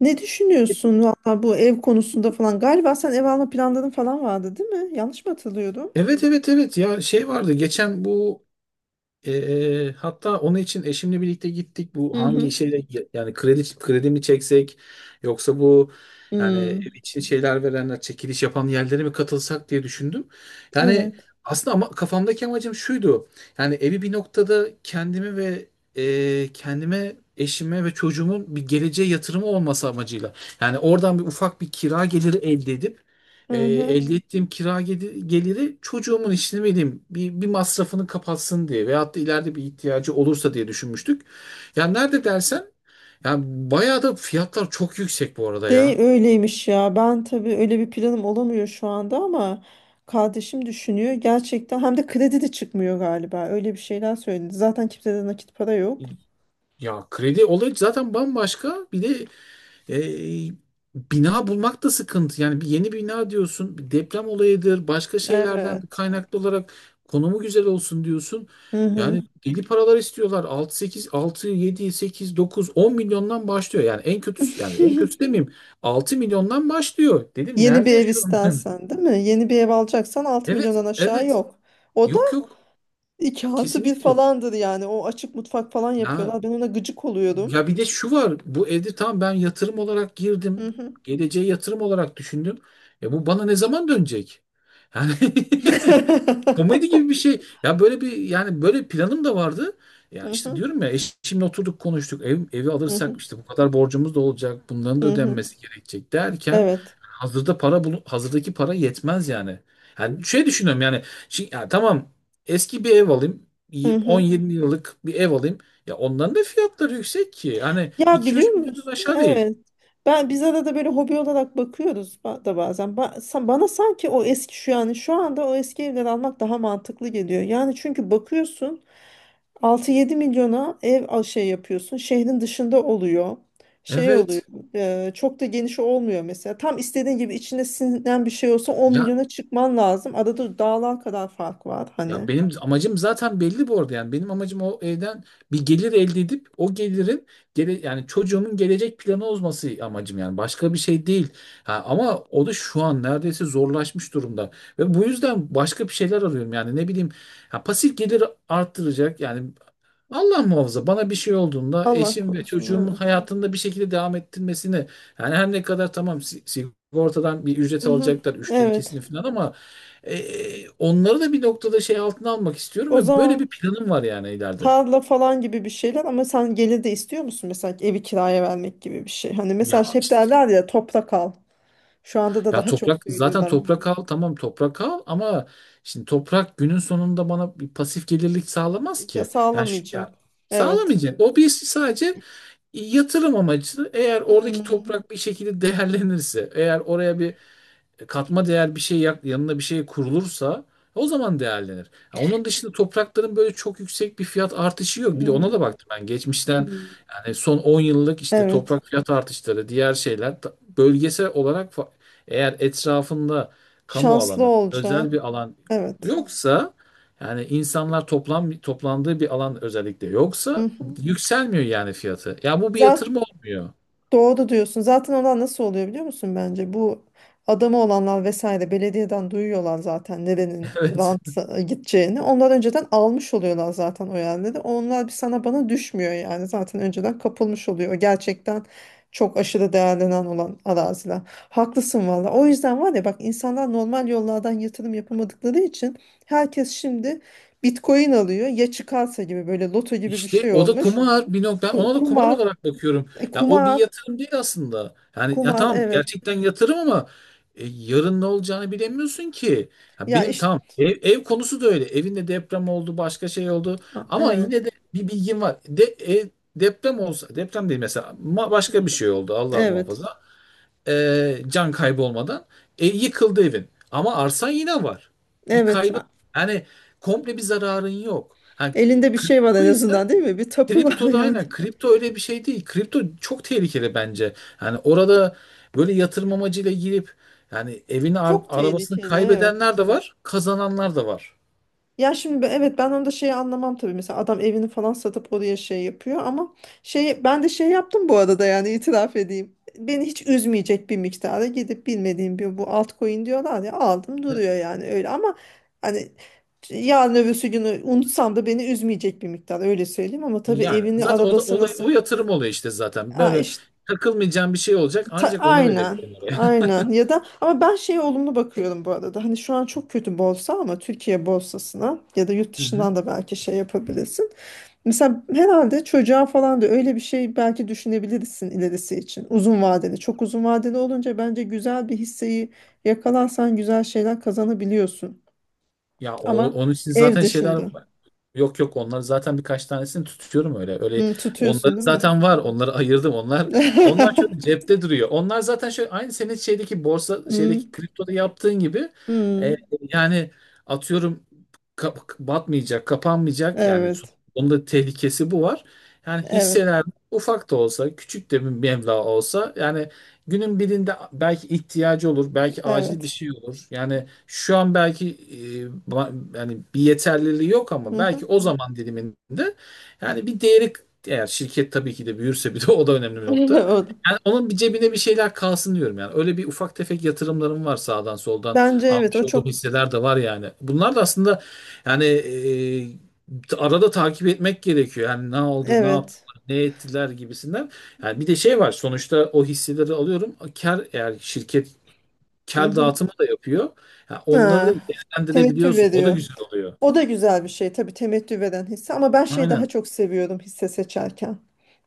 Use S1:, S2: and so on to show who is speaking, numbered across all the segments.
S1: Ne düşünüyorsun valla bu ev konusunda falan? Galiba sen ev alma planların falan vardı, değil mi? Yanlış mı hatırlıyorum?
S2: Evet, evet, evet, ya şey vardı geçen bu, hatta onun için eşimle birlikte gittik bu
S1: Hı
S2: hangi
S1: hı.
S2: şeyle, yani kredi mi çeksek yoksa bu, yani
S1: Hmm,
S2: ev için şeyler verenler, çekiliş yapan yerlere mi katılsak diye düşündüm. Yani
S1: evet.
S2: aslında, ama kafamdaki amacım şuydu: yani evi bir noktada kendimi ve kendime, eşime ve çocuğumun bir geleceğe yatırımı olması amacıyla, yani oradan bir ufak bir kira geliri elde edip,
S1: Hı hı.
S2: Elde ettiğim kira geliri çocuğumun, işte ne bileyim, bir masrafını kapatsın diye veyahut da ileride bir ihtiyacı olursa diye düşünmüştük. Ya nerede dersen, yani bayağı da fiyatlar çok yüksek bu arada
S1: De
S2: ya.
S1: öyleymiş ya. Ben tabii öyle bir planım olamıyor şu anda ama kardeşim düşünüyor. Gerçekten hem de kredi de çıkmıyor galiba. Öyle bir şeyler söyledi. Zaten kimsede nakit para yok.
S2: Ya kredi olayı zaten bambaşka. Bir de E, bina bulmak da sıkıntı. Yani bir yeni bina diyorsun, bir deprem olayıdır, başka şeylerden
S1: Evet.
S2: kaynaklı olarak konumu güzel olsun diyorsun.
S1: Hı hı.
S2: Yani deli paralar istiyorlar. 6, 8, 6, 7, 8, 9, 10 milyondan başlıyor. Yani en kötüsü, yani en kötüsü demeyeyim. 6 milyondan başlıyor. Dedim,
S1: Yeni bir
S2: nerede
S1: ev
S2: yaşıyorum ben?
S1: istersen, değil mi? Yeni bir ev alacaksan altı
S2: Evet,
S1: milyondan aşağı
S2: evet.
S1: yok. O da
S2: Yok, yok.
S1: 2+1
S2: Kesinlikle yok.
S1: falandır yani. O açık mutfak falan
S2: Ya
S1: yapıyorlar. Ben ona gıcık oluyorum.
S2: Ya, bir de şu var. Bu evde, tamam, ben yatırım olarak
S1: Hı
S2: girdim.
S1: hı.
S2: Geleceğe yatırım olarak düşündüm. Ya bu bana ne zaman dönecek? Yani komedi gibi bir şey. Ya böyle bir, yani böyle planım da vardı.
S1: Hı
S2: Ya işte,
S1: hı,
S2: diyorum ya, eşimle oturduk konuştuk. Evi
S1: hı hı,
S2: alırsak işte bu kadar borcumuz da olacak. Bunların da
S1: hı hı.
S2: ödenmesi gerekecek derken,
S1: Evet.
S2: hazırda para hazırdaki para yetmez yani. Yani şey düşünüyorum yani, şey, ya tamam, eski bir ev alayım.
S1: Hı hı.
S2: 10-20 yıllık bir ev alayım. Ya onların da fiyatları yüksek ki. Hani
S1: Ya biliyor
S2: 2-3 milyondan
S1: musun?
S2: aşağı değil.
S1: Evet. Biz arada böyle hobi olarak bakıyoruz da bazen. Bana sanki o eski şu yani şu anda o eski evleri almak daha mantıklı geliyor. Yani çünkü bakıyorsun 6-7 milyona ev şey yapıyorsun. Şehrin dışında oluyor. Şey oluyor.
S2: Evet.
S1: Çok da geniş olmuyor mesela. Tam istediğin gibi içine sinen bir şey olsa 10
S2: Ya
S1: milyona çıkman lazım. Arada dağlar kadar fark var hani.
S2: ya, benim amacım zaten belli bu arada, yani benim amacım o evden bir gelir elde edip o gelirin, yani çocuğumun gelecek planı olması; amacım yani başka bir şey değil. Ha, ama o da şu an neredeyse zorlaşmış durumda ve bu yüzden başka bir şeyler arıyorum, yani ne bileyim, ya pasif gelir arttıracak yani. Allah muhafaza bana bir şey olduğunda
S1: Allah
S2: eşim ve
S1: korusun
S2: çocuğumun
S1: evet.
S2: hayatında bir şekilde devam ettirmesini, yani her ne kadar tamam sigortadan bir ücret
S1: Mhm,
S2: alacaklar, üçte ikisini
S1: evet.
S2: falan, ama onları da bir noktada şey altına almak istiyorum
S1: O
S2: ve böyle bir
S1: zaman
S2: planım var yani ileride.
S1: tarla falan gibi bir şeyler ama sen gelir de istiyor musun mesela evi kiraya vermek gibi bir şey. Hani mesela
S2: Ya
S1: hep derler ya toprak al. Şu anda da
S2: ya
S1: daha çok
S2: toprak, zaten
S1: söylüyorlar.
S2: toprak al, tamam, toprak al, ama şimdi toprak günün sonunda bana bir pasif gelirlik sağlamaz
S1: Ya
S2: ki. Yani
S1: sağlamayacak.
S2: ya
S1: Evet.
S2: sağlamayacak. O bir sadece yatırım amacı. Eğer oradaki
S1: Hmm.
S2: toprak bir şekilde değerlenirse, eğer oraya bir katma değer bir şey yanına bir şey kurulursa, o zaman değerlenir. Ha, onun dışında toprakların böyle çok yüksek bir fiyat artışı yok. Bir de ona
S1: Hmm.
S2: da baktım ben geçmişten,
S1: Hmm.
S2: yani son 10 yıllık işte
S1: Evet.
S2: toprak fiyat artışları, diğer şeyler bölgesel olarak eğer etrafında kamu
S1: Şanslı
S2: alanı, özel
S1: olacaksın.
S2: bir alan
S1: Evet.
S2: yoksa, yani insanlar toplandığı bir alan özellikle yoksa,
S1: Hı.
S2: yükselmiyor yani fiyatı. Ya bu bir yatırım
S1: Zaten
S2: olmuyor.
S1: doğru diyorsun. Zaten olan nasıl oluyor biliyor musun bence? Bu adamı olanlar vesaire belediyeden duyuyorlar zaten nerenin
S2: Evet.
S1: rant gideceğini. Onlar önceden almış oluyorlar zaten o yerleri. Onlar bir sana bana düşmüyor yani. Zaten önceden kapılmış oluyor. O gerçekten çok aşırı değerlenen olan araziler. Haklısın valla. O yüzden var ya bak insanlar normal yollardan yatırım yapamadıkları için herkes şimdi Bitcoin alıyor. Ya çıkarsa gibi böyle loto gibi bir
S2: İşte
S1: şey
S2: o da
S1: olmuş.
S2: kumar bir nokta. Ona da kumar
S1: Kumar,
S2: olarak bakıyorum. Ya o bir
S1: kumar.
S2: yatırım değil aslında. Yani ya
S1: Kumar
S2: tamam,
S1: evet.
S2: gerçekten yatırım, ama yarın ne olacağını bilemiyorsun ki. Ya
S1: Ya
S2: benim
S1: işte
S2: tamam, ev konusu da öyle. Evinde deprem oldu, başka şey oldu. Ama
S1: evet.
S2: yine de bir bilgim var. Ev, deprem olsa, deprem değil mesela, başka bir şey oldu, Allah
S1: Evet.
S2: muhafaza. Can kaybı olmadan yıkıldı evin. Ama arsan yine var. Bir
S1: Evet.
S2: kaybın, yani komple bir zararın yok. Ha,
S1: Elinde bir şey var
S2: kripto
S1: en
S2: ise,
S1: azından değil mi? Bir tapu var
S2: kripto da
S1: yani.
S2: aynen. Kripto öyle bir şey değil. Kripto çok tehlikeli bence. Yani orada böyle yatırım amacıyla girip, yani evini
S1: Çok
S2: arabasını
S1: tehlikeli evet.
S2: kaybedenler de var, kazananlar da var.
S1: Ya şimdi evet ben onu da şeyi anlamam tabii. Mesela adam evini falan satıp oraya şey yapıyor ama şey ben de şey yaptım bu arada yani itiraf edeyim. Beni hiç üzmeyecek bir miktara gidip bilmediğim bir bu altcoin diyorlar ya aldım
S2: E,
S1: duruyor yani öyle ama hani yarın öbürsü günü unutsam da beni üzmeyecek bir miktar öyle söyleyeyim ama tabii
S2: Yani
S1: evini
S2: zaten o da,
S1: arabası nasıl.
S2: o yatırım oluyor işte zaten.
S1: Aa,
S2: Böyle
S1: işte,
S2: takılmayacağın bir şey olacak ancak, onu
S1: aynen.
S2: verebilirim oraya.
S1: Aynen. Ya da ama ben şeye olumlu bakıyorum bu arada. Hani şu an çok kötü borsa ama Türkiye borsasına ya da yurt
S2: Hı.
S1: dışından da belki şey yapabilirsin. Mesela herhalde çocuğa falan da öyle bir şey belki düşünebilirsin ilerisi için. Uzun vadeli. Çok uzun vadeli olunca bence güzel bir hisseyi yakalarsan güzel şeyler kazanabiliyorsun.
S2: Ya
S1: Ama
S2: onun için
S1: ev
S2: zaten şeyler,
S1: dışında.
S2: yok yok, onları zaten birkaç tanesini tutuyorum öyle. Öyle
S1: Hı,
S2: onları
S1: tutuyorsun değil mi?
S2: zaten var. Onları ayırdım. Onlar, onlar şöyle cepte duruyor. Onlar zaten şöyle, aynı senin şeydeki borsa,
S1: Hı,
S2: şeydeki kriptoda yaptığın gibi,
S1: hı.
S2: e, yani atıyorum, batmayacak, kapanmayacak. Yani
S1: Evet.
S2: onun da tehlikesi bu var. Yani
S1: Evet.
S2: hisseler, ufak da olsa, küçük de bir meblağ olsa, yani günün birinde belki ihtiyacı olur, belki acil bir
S1: Evet.
S2: şey olur. Yani şu an belki yani bir yeterliliği yok, ama
S1: Hı
S2: belki
S1: hı.
S2: o zaman diliminde, yani bir değeri, eğer şirket tabii ki de büyürse, bir de o da önemli bir nokta.
S1: O da.
S2: Yani onun, bir cebine bir şeyler kalsın diyorum yani. Öyle bir ufak tefek yatırımlarım var sağdan soldan
S1: Bence evet
S2: almış
S1: o
S2: olduğum
S1: çok
S2: hisseler de var yani. Bunlar da aslında, yani arada takip etmek gerekiyor. Yani ne oldu, ne
S1: evet.
S2: yaptılar, ne ettiler gibisinden. Yani bir de şey var, sonuçta o hisseleri alıyorum. Kar, eğer şirket
S1: Hı
S2: kar
S1: hı.
S2: dağıtımı da yapıyor. Ya onları da
S1: Ha, teveccüh
S2: değerlendirebiliyorsun. O da
S1: veriyor.
S2: güzel oluyor.
S1: O da güzel bir şey tabii temettü veren hisse ama ben şeyi daha
S2: Aynen.
S1: çok seviyorum hisse seçerken.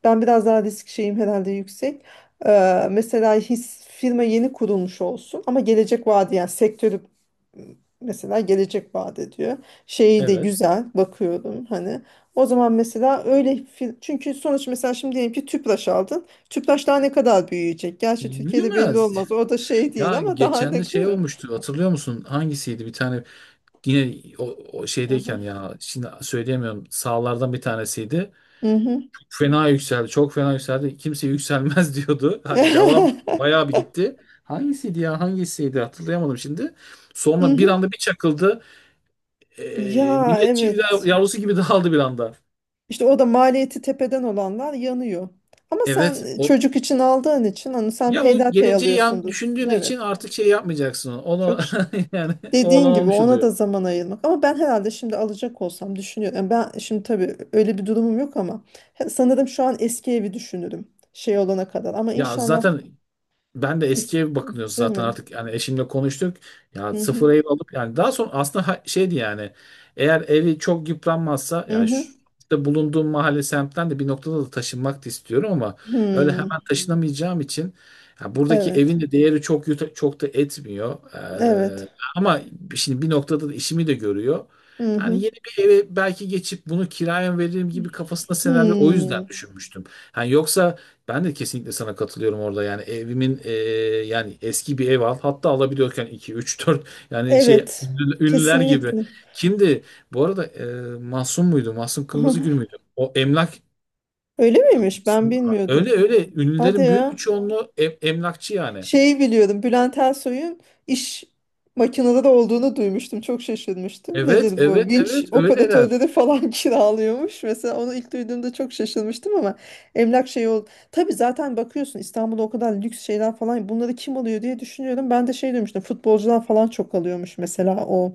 S1: Ben biraz daha risk şeyim herhalde yüksek. Mesela firma yeni kurulmuş olsun ama gelecek vaadi yani sektörü m, mesela gelecek vaat ediyor. Şeyi de
S2: Evet.
S1: güzel bakıyorum hani. O zaman mesela öyle çünkü sonuç mesela şimdi diyelim ki Tüpraş aldın. Tüpraş daha ne kadar büyüyecek? Gerçi Türkiye'de belli
S2: Büyümez.
S1: olmaz. O da şey değil
S2: Ya
S1: ama daha ne
S2: geçen de
S1: değil
S2: şey
S1: mi?
S2: olmuştu. Hatırlıyor musun? Hangisiydi? Bir tane, yine o, o
S1: Hı hı.
S2: şeydeyken, ya şimdi söyleyemiyorum. Sağlardan bir tanesiydi.
S1: Hı hı.
S2: Fena yükseldi. Çok fena yükseldi. Kimse yükselmez diyordu. Ha, devam, bayağı bir gitti. Hangisiydi ya? Hangisiydi? Hatırlayamadım şimdi. Sonra bir anda bir çakıldı.
S1: Ya
S2: Millet çil
S1: evet.
S2: yavrusu gibi dağıldı bir anda.
S1: İşte o da maliyeti tepeden olanlar yanıyor. Ama sen
S2: Evet. O,
S1: çocuk için aldığın için onu sen
S2: ya o
S1: peyderpey
S2: geleceği yan
S1: alıyorsundur.
S2: düşündüğün için
S1: Evet.
S2: artık şey yapmayacaksın onu. Onu
S1: Çok ş-
S2: yani o
S1: dediğin
S2: olan
S1: gibi
S2: olmuş
S1: ona da
S2: oluyor.
S1: zaman ayırmak. Ama ben herhalde şimdi alacak olsam düşünüyorum. Yani ben şimdi tabii öyle bir durumum yok ama sanırım şu an eski evi düşünürüm şey olana kadar. Ama
S2: Ya
S1: inşallah
S2: zaten, ben de
S1: es-
S2: eskiye bakınıyoruz
S1: değil
S2: zaten
S1: mi?
S2: artık, yani eşimle konuştuk. Ya
S1: Hı hı.
S2: sıfır ev alıp, yani daha sonra aslında, şeydi yani, eğer evi çok yıpranmazsa
S1: Hı
S2: ya,
S1: hı.
S2: şu, işte bulunduğum mahalle semtten de bir noktada da taşınmak da istiyorum, ama öyle
S1: Hmm.
S2: hemen taşınamayacağım için, ya buradaki
S1: Evet.
S2: evin de değeri çok çok da etmiyor. Ee,
S1: Evet.
S2: ama şimdi bir noktada da işimi de görüyor.
S1: Hı
S2: Yani
S1: hı.
S2: yeni bir eve belki geçip bunu kiraya veririm gibi kafasında senaryo, o
S1: Hmm.
S2: yüzden düşünmüştüm. Yani yoksa, ben de kesinlikle sana katılıyorum orada. Yani evimin, yani eski bir ev al. Hatta alabiliyorken iki, üç, dört, yani şey
S1: Evet.
S2: ünlüler gibi.
S1: Kesinlikle.
S2: Kimdi? Bu arada, Mahsun muydu? Mahsun Kırmızıgül müydü? O emlak,
S1: Öyle
S2: ya
S1: miymiş? Ben
S2: Mahsun, ha, öyle
S1: bilmiyordum.
S2: öyle
S1: Hadi
S2: ünlülerin büyük bir
S1: ya.
S2: çoğunluğu emlakçı yani.
S1: Şeyi biliyordum. Bülent Ersoy'un iş makineleri olduğunu duymuştum. Çok şaşırmıştım.
S2: Evet,
S1: Nedir bu?
S2: evet,
S1: Vinç
S2: evet, öyleler.
S1: operatörleri falan kiralıyormuş. Mesela onu ilk duyduğumda çok şaşırmıştım ama emlak şeyi oldu. Tabii zaten bakıyorsun İstanbul'da o kadar lüks şeyler falan bunları kim alıyor diye düşünüyorum. Ben de şey duymuştum. Futbolcular falan çok alıyormuş mesela o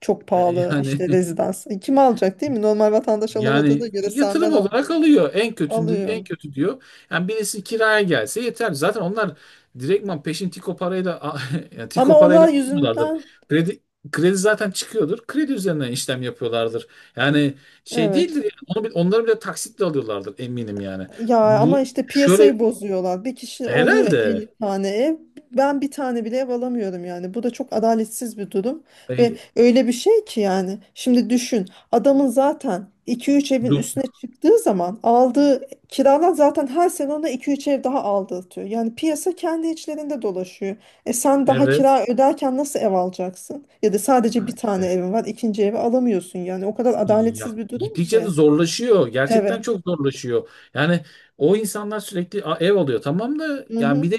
S1: çok
S2: E,
S1: pahalı
S2: Yani
S1: işte rezidans. E, kim alacak değil mi? Normal vatandaş alamadığına
S2: yani
S1: göre sen
S2: yatırım
S1: ben al.
S2: olarak alıyor. En kötünde en
S1: Alıyorum.
S2: kötü diyor. Yani birisi kiraya gelse yeter. Zaten onlar direktman peşin Tiko parayla yani Tiko
S1: Ama onlar
S2: parayla almıyorlardır.
S1: yüzünden
S2: Kredi kredi zaten çıkıyordur. Kredi üzerinden işlem yapıyorlardır. Yani şey değildir
S1: evet.
S2: yani. Onu, onları bile taksitle alıyorlardır eminim yani.
S1: Ya ama
S2: Bu
S1: işte
S2: şöyle
S1: piyasayı bozuyorlar. Bir kişi oluyor 50
S2: herhalde,
S1: tane ev. Ben bir tane bile ev alamıyorum yani. Bu da çok adaletsiz bir durum. Ve
S2: E,
S1: öyle bir şey ki yani. Şimdi düşün. Adamın zaten 2-3 evin
S2: dur.
S1: üstüne çıktığı zaman aldığı kiralar zaten her sene ona 2-3 ev daha aldırtıyor. Yani piyasa kendi içlerinde dolaşıyor. E sen daha
S2: Evet.
S1: kira öderken nasıl ev alacaksın? Ya da sadece
S2: Ha,
S1: bir tane
S2: işte.
S1: evin var, ikinci evi alamıyorsun yani. O kadar adaletsiz
S2: Ya
S1: bir durum
S2: gittikçe de
S1: ki.
S2: zorlaşıyor.
S1: Evet.
S2: Gerçekten çok zorlaşıyor. Yani o insanlar sürekli, "Aa, ev alıyor tamam, da yani bir
S1: Mhm.
S2: de,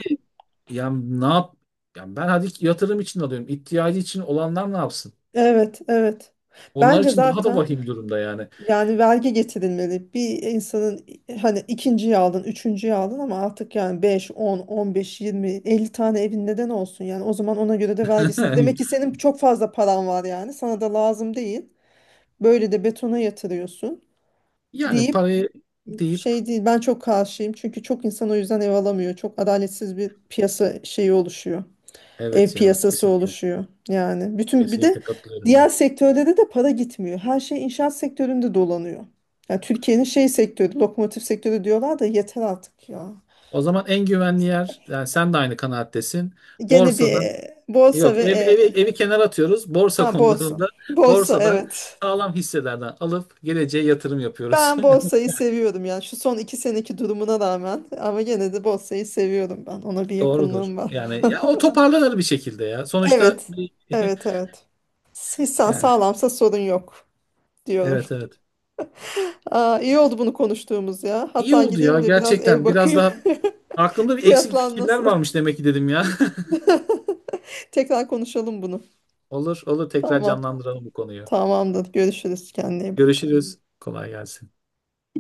S2: yani ne yap, yani ben hadi yatırım için alıyorum. İhtiyacı için olanlar ne yapsın?
S1: Evet, evet.
S2: Onlar
S1: Bence
S2: için daha da
S1: zaten
S2: vahim durumda yani.
S1: yani vergi getirilmeli. Bir insanın hani ikinciyi aldın, üçüncüyü aldın ama artık yani beş, 10, 15, 20, 50 tane evin neden olsun yani. O zaman ona göre de vergisini. Demek ki senin çok fazla paran var yani. Sana da lazım değil. Böyle de betona yatırıyorsun
S2: Yani
S1: deyip
S2: parayı deyip,
S1: şey değil. Ben çok karşıyım. Çünkü çok insan o yüzden ev alamıyor. Çok adaletsiz bir piyasa şeyi oluşuyor, ev
S2: evet ya,
S1: piyasası
S2: kesinlikle.
S1: oluşuyor yani. Bütün bir de
S2: Kesinlikle katılıyorum
S1: diğer
S2: ya.
S1: sektörde de para gitmiyor. Her şey inşaat sektöründe dolanıyor. Yani Türkiye'nin şey sektörü, lokomotif sektörü diyorlar da yeter artık ya.
S2: O zaman en güvenli yer, yani sen de aynı kanaattesin.
S1: Gene bir
S2: Borsada,
S1: borsa
S2: yok,
S1: ve
S2: evi kenara atıyoruz. Borsa
S1: ha borsa.
S2: konularında
S1: Borsa
S2: borsadan
S1: evet.
S2: sağlam hisselerden alıp geleceğe yatırım yapıyoruz.
S1: Ben borsayı seviyorum yani şu son 2 seneki durumuna rağmen ama gene de borsayı seviyorum ben. Ona bir
S2: Doğrudur.
S1: yakınlığım var.
S2: Yani ya o toparlanır bir şekilde ya. Sonuçta
S1: Evet.
S2: bir-
S1: Evet evet. Hissan
S2: yani
S1: sağlamsa sorun yok diyorum.
S2: evet, evet.
S1: Aa, iyi oldu bunu konuştuğumuz ya.
S2: İyi
S1: Hatta
S2: oldu ya,
S1: gideyim de biraz ev
S2: gerçekten, biraz
S1: bakayım.
S2: daha aklımda bir eksik
S1: Fiyatlar
S2: fikirler
S1: nasıl?
S2: varmış demek ki, dedim ya.
S1: Tekrar konuşalım bunu.
S2: Olur olur, tekrar
S1: Tamam.
S2: canlandıralım bu konuyu.
S1: Tamamdır. Görüşürüz. Kendine iyi bak.
S2: Görüşürüz. Kolay gelsin.